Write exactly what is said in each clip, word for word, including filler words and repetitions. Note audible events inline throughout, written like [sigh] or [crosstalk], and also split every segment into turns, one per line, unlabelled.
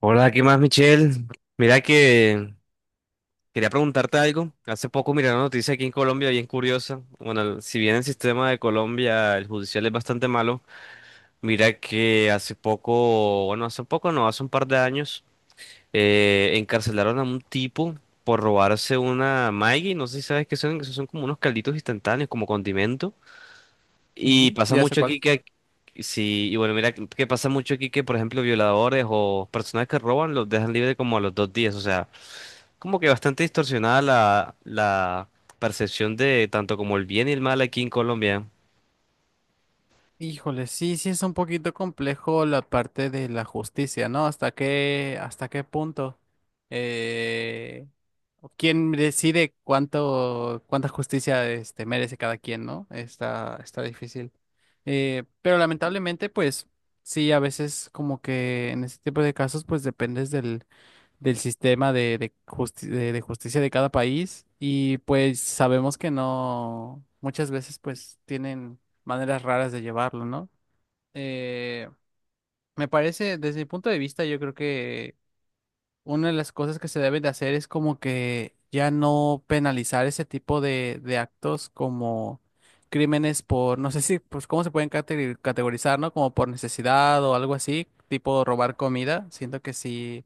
Hola, ¿qué más, Michelle? Mira que quería preguntarte algo. Hace poco miré una noticia aquí en Colombia bien curiosa. Bueno, el- si bien el sistema de Colombia, el judicial es bastante malo, mira que hace poco, bueno, hace poco no, hace un par de años, eh, encarcelaron a un tipo por robarse una Maggi. No sé si sabes qué son, que son como unos calditos instantáneos, como condimento. Y
Ujú,
pasa
ya sé
mucho
cuál.
aquí que... Sí, y bueno, mira que que pasa mucho aquí que, por ejemplo, violadores o personas que roban los dejan libre como a los dos días, o sea como que bastante distorsionada la, la percepción de tanto como el bien y el mal aquí en Colombia.
Híjole, sí, sí es un poquito complejo la parte de la justicia, ¿no? ¿Hasta qué, hasta qué punto? Eh, ¿quién decide cuánto, cuánta justicia este, merece cada quien, ¿no? Está, está difícil. Eh, pero lamentablemente, pues, sí, a veces como que en este tipo de casos, pues dependes del del sistema de, de justi- de- de justicia de cada país y pues sabemos que no, muchas veces pues tienen maneras raras de llevarlo, ¿no? Eh, Me parece, desde mi punto de vista, yo creo que una de las cosas que se deben de hacer es como que ya no penalizar ese tipo de, de actos como crímenes por, no sé si, pues cómo se pueden categ- categorizar, ¿no? Como por necesidad o algo así, tipo robar comida, siento que sí.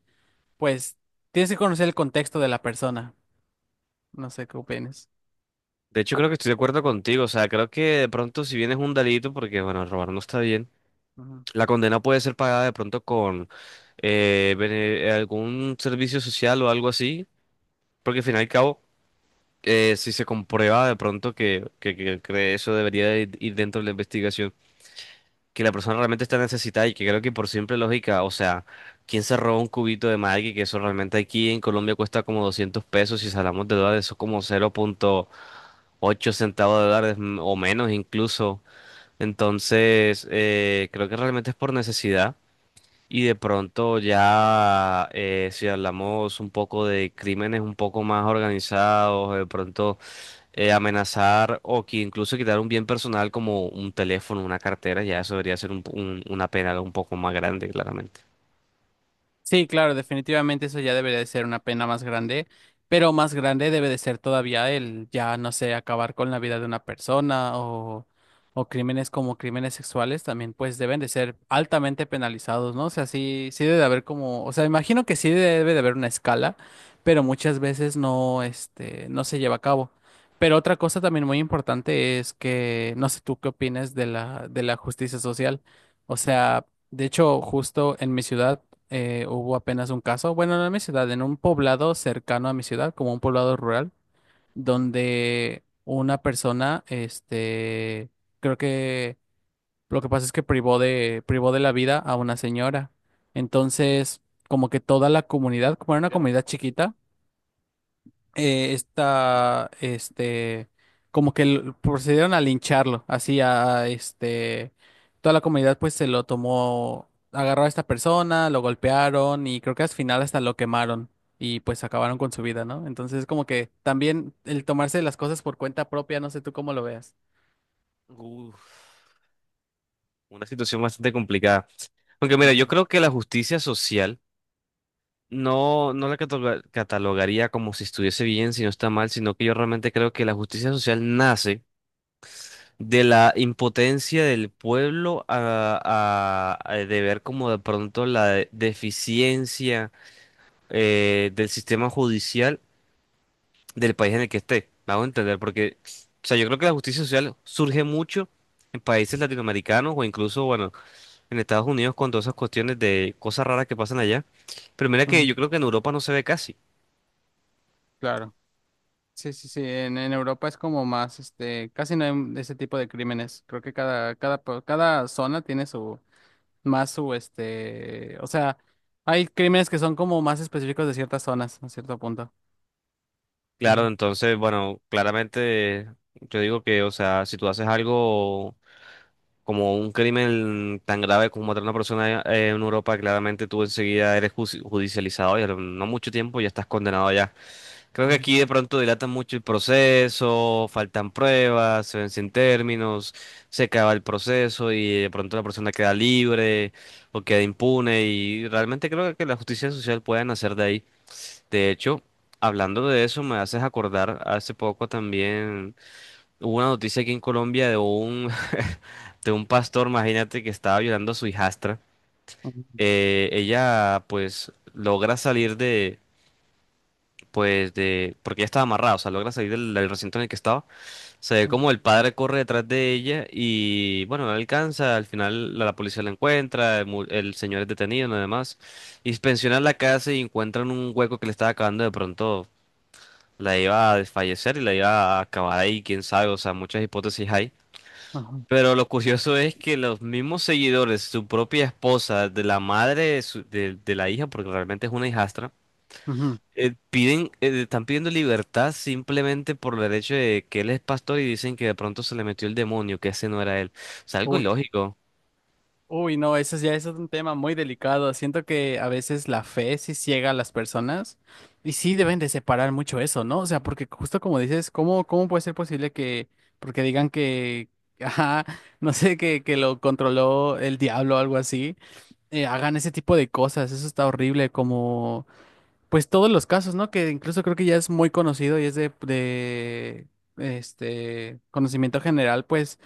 Pues tienes que conocer el contexto de la persona. No sé qué opinas.
De hecho, creo que estoy de acuerdo contigo. O sea, creo que de pronto si bien es un delito, porque bueno, robar no está bien,
Ujú.
la condena puede ser pagada de pronto con eh, bene- eh, algún servicio social o algo así, porque al fin y al cabo, eh, si se comprueba de pronto que, que, que- que eso debería de ir dentro de la investigación. Que la persona realmente está necesitada y que creo que por simple lógica, o sea, ¿quién se roba un cubito de Maggi? Que eso realmente aquí en Colombia cuesta como doscientos pesos, si hablamos de dólares, eso es como cero punto ocho centavos de dólares mm, o menos incluso. Entonces, eh, creo que realmente es por necesidad. Y de pronto ya, eh, si hablamos un poco de crímenes un poco más organizados, de pronto eh, amenazar o que incluso quitar un bien personal como un teléfono, una cartera, ya eso debería ser un- un- una pena un poco más grande, claramente.
Sí, claro, definitivamente eso ya debería de ser una pena más grande, pero más grande debe de ser todavía el ya, no sé, acabar con la vida de una persona o, o crímenes como crímenes sexuales también, pues deben de ser altamente penalizados, ¿no? O sea, sí, sí debe de haber como, o sea, imagino que sí debe de haber una escala, pero muchas veces no, este, no se lleva a cabo. Pero otra cosa también muy importante es que, no sé tú qué opinas de la, de la justicia social. O sea, de hecho, justo en mi ciudad, eh, hubo apenas un caso, bueno, no en mi ciudad, en un poblado cercano a mi ciudad, como un poblado rural, donde una persona, este, creo que lo que pasa es que privó de, privó de la vida a una señora. Entonces, como que toda la comunidad, como era una
Ya.
comunidad chiquita, eh, esta, este, como que l- procedieron a lincharlo, así a, a, este, toda la comunidad pues se lo tomó, agarró a esta persona, lo golpearon y creo que al final hasta lo quemaron y pues acabaron con su vida, ¿no? Entonces como que también el tomarse las cosas por cuenta propia, no sé tú cómo lo veas.
Uf, una situación bastante complicada. Aunque mira, yo
Ujú,
creo que la justicia social no, no la cataloga- catalogaría como si estuviese bien, si no está mal, sino que yo realmente creo que la justicia social nace de la impotencia del pueblo a, a- a de ver como de pronto la de- deficiencia eh, del sistema judicial del país en el que esté. Me hago entender, porque, o sea, yo creo que la justicia social surge mucho en países latinoamericanos o incluso, bueno, en Estados Unidos con todas esas cuestiones de cosas raras que pasan allá. Pero mira que yo
ujú,
creo que en Europa no se ve casi.
claro. Sí, sí, sí, en, en Europa es como más, este, casi no hay ese tipo de crímenes. Creo que cada, cada, po- cada zona tiene su, más su, este, o sea, hay crímenes que son como más específicos de ciertas zonas, a cierto punto.
Claro,
Ujú,
entonces, bueno, claramente yo digo que, o sea, si tú haces algo como un crimen tan grave como matar a una persona eh, en Europa, claramente tú enseguida eres ju- judicializado y a lo- no mucho tiempo ya estás condenado allá. Creo que
ujú,
aquí de pronto dilatan mucho el proceso, faltan pruebas, se vencen términos, se acaba el proceso y de pronto la persona queda libre o queda impune y realmente creo que la justicia social puede nacer de ahí. De hecho, hablando de eso, me haces acordar, hace poco también hubo una noticia aquí en Colombia de un, [laughs] de un pastor, imagínate, que estaba violando a su hijastra.
ujú,
Eh, ella pues logra salir pues de, porque ella estaba amarrada, o sea, logra salir del, del recinto en el que estaba. Se ve
ujú,
como el padre corre detrás de ella y, bueno, no la alcanza. Al final la, la policía la encuentra, el, mu- el señor es detenido, nada más. Inspeccionan la casa y encuentran un hueco que le estaba acabando de pronto. La iba a desfallecer y la iba a acabar ahí, quién sabe, o sea, muchas hipótesis hay.
ujú,
Pero lo curioso es que los mismos seguidores, su propia esposa, de la madre de, su- de de la hija, porque realmente es una hijastra,
ujú.
eh, piden, eh, están pidiendo libertad simplemente por el hecho de que él es pastor y dicen que de pronto se le metió el demonio, que ese no era él. O sea, algo
Uy,
ilógico.
uy, no, eso ya es un tema muy delicado. Siento que a veces la fe sí ciega a las personas y sí deben de separar mucho eso, ¿no? O sea, porque justo como dices, ¿cómo, cómo puede ser posible que, porque digan que, [laughs] ajá, no sé, que, que lo controló el diablo o algo así? Eh, hagan ese tipo de cosas, eso está horrible, como pues todos los casos, ¿no? Que incluso creo que ya es muy conocido y es de, de, este conocimiento general, pues,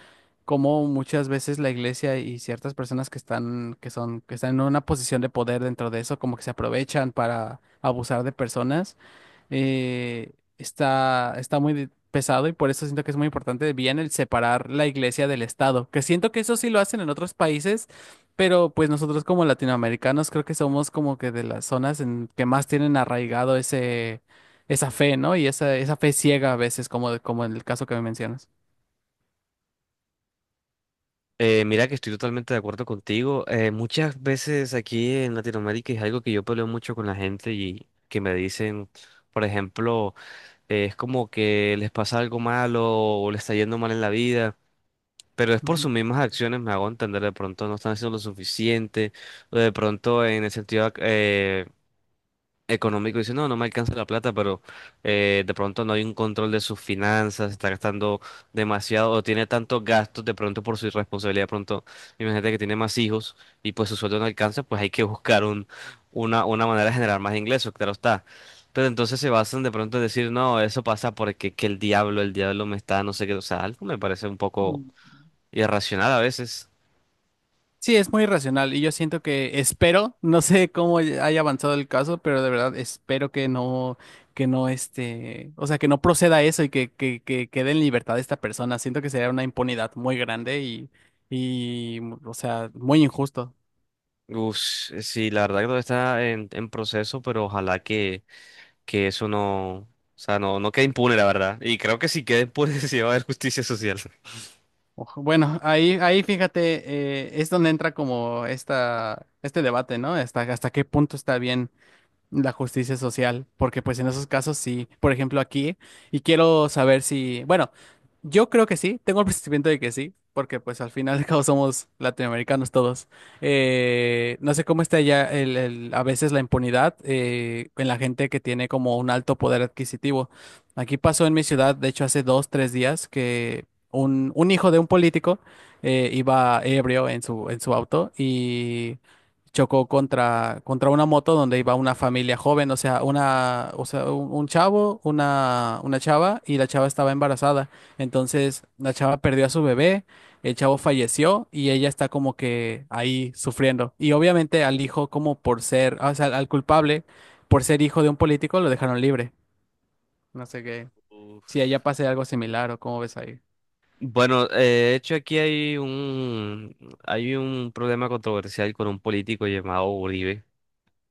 como muchas veces la iglesia y ciertas personas que están, que son, que están en una posición de poder dentro de eso, como que se aprovechan para abusar de personas eh, Está, está muy de- pesado y por eso siento que es muy importante bien el separar la iglesia del Estado, que siento que eso sí lo hacen en otros países, pero pues nosotros como latinoamericanos creo que somos como que de las zonas en que más tienen arraigado ese, esa fe, ¿no? Y esa, esa fe ciega a veces, como, como en el caso que me mencionas.
Eh, mira que estoy totalmente de acuerdo contigo. Eh, muchas veces aquí en Latinoamérica es algo que yo peleo mucho con la gente y que me dicen, por ejemplo, eh, es como que les pasa algo malo o les está yendo mal en la vida. Pero es por
Ujú.
sus mismas acciones, me hago entender, de pronto no están haciendo lo suficiente, o de pronto en el sentido, eh, económico dice, no, no me alcanza la plata, pero eh, de pronto no hay un control de sus finanzas, está gastando demasiado o tiene tantos gastos de pronto por su irresponsabilidad, de pronto imagínate que tiene más hijos y pues su sueldo no alcanza, pues hay que [laughs] buscar un, una, una manera de generar más ingresos, claro está. Pero entonces se basan de pronto en decir, no, eso pasa porque que el diablo, el diablo me está, no sé qué, o sea, algo me parece un poco
Mm.
irracional a veces.
Sí, es muy irracional y yo siento que espero, [laughs] no sé cómo haya avanzado el caso, pero de verdad espero que no, que no este, o sea, que no proceda eso y que, que, que quede en libertad esta persona. Siento que sería una impunidad muy grande y, y, o sea, muy injusto.
Uf, sí, la verdad que todo está en en proceso, pero ojalá que... que eso no, o sea, no, no queda impune, la verdad. Y creo que si queda impune [laughs] sí va a haber justicia social.
Ojo, bueno, ahí, ahí fíjate, eh, es donde entra como esta, este debate, ¿no? Hasta, hasta qué punto está bien la justicia social, porque pues en esos casos sí, por ejemplo aquí, y quiero saber si, bueno, yo creo que sí, tengo el [laughs] presentimiento de que sí, porque pues al final de cabo somos latinoamericanos todos. Eh, no sé cómo está ya el, el- a veces la impunidad eh, en la gente que tiene como un alto poder adquisitivo. Aquí pasó en mi ciudad, de hecho hace dos, tres días, que un, un hijo de un político eh, iba ebrio en su, en su auto y chocó contra, contra una moto donde iba una familia joven, o sea, una, o sea, un, un chavo, una, una chava, y la chava estaba embarazada. Entonces, la chava perdió a su bebé, el chavo falleció y ella está como que ahí sufriendo. Y obviamente al hijo, como por ser, o sea, al culpable, por ser hijo de un político, lo dejaron libre. No sé qué. Si allá
Uf.
pase algo similar o cómo ves ahí.
Bueno, eh, de hecho aquí hay un, hay un problema controversial con un político llamado Uribe,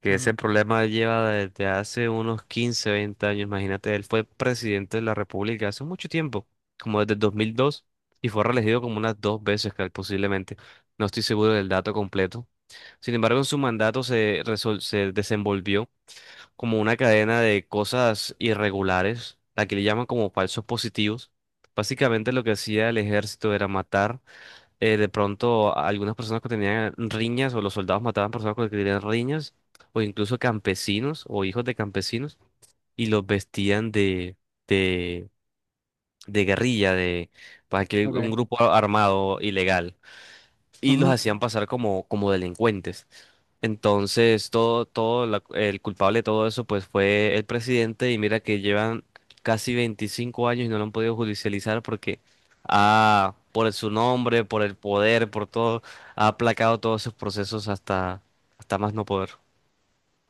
que ese
Ujú,
problema lleva desde hace unos quince veinte años, imagínate, él fue presidente de la República hace mucho tiempo, como desde el dos mil dos, y fue reelegido como unas dos veces, cal- posiblemente, no estoy seguro del dato completo. Sin embargo, en su mandato se, resol- se desenvolvió como una cadena de cosas irregulares, la que le llaman como falsos positivos. Básicamente lo que hacía el ejército era matar eh, de pronto a algunas personas que tenían riñas o los soldados mataban personas que tenían riñas o incluso campesinos o hijos de campesinos y los vestían de, de, de guerrilla, de para que un
ok.
grupo armado ilegal y los
Ujú.
hacían pasar como, como delincuentes. Entonces, todo, todo la- el culpable de todo eso, pues fue el presidente y mira que llevan casi veinticinco años y no lo han podido judicializar porque ha, por su nombre, por el poder, por todo, ha aplacado todos sus procesos hasta, hasta más no poder.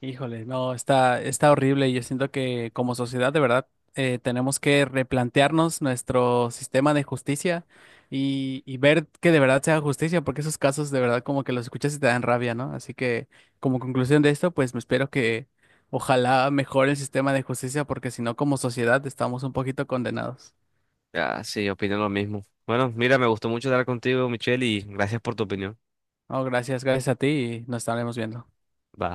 Híjole, no, está, está horrible. Yo siento que como sociedad, de verdad, eh, tenemos que replantearnos nuestro sistema de justicia y, y ver que de verdad sea justicia, porque esos casos de verdad como que los escuchas y te dan rabia, ¿no? Así que como conclusión de esto, pues me espero que ojalá mejore el sistema de justicia, porque si no, como sociedad estamos un poquito condenados.
Ah, sí, opino lo mismo. Bueno, mira, me gustó mucho hablar contigo, Michelle, y gracias por tu opinión.
No, gracias, gracias a ti y nos estaremos viendo.
Va.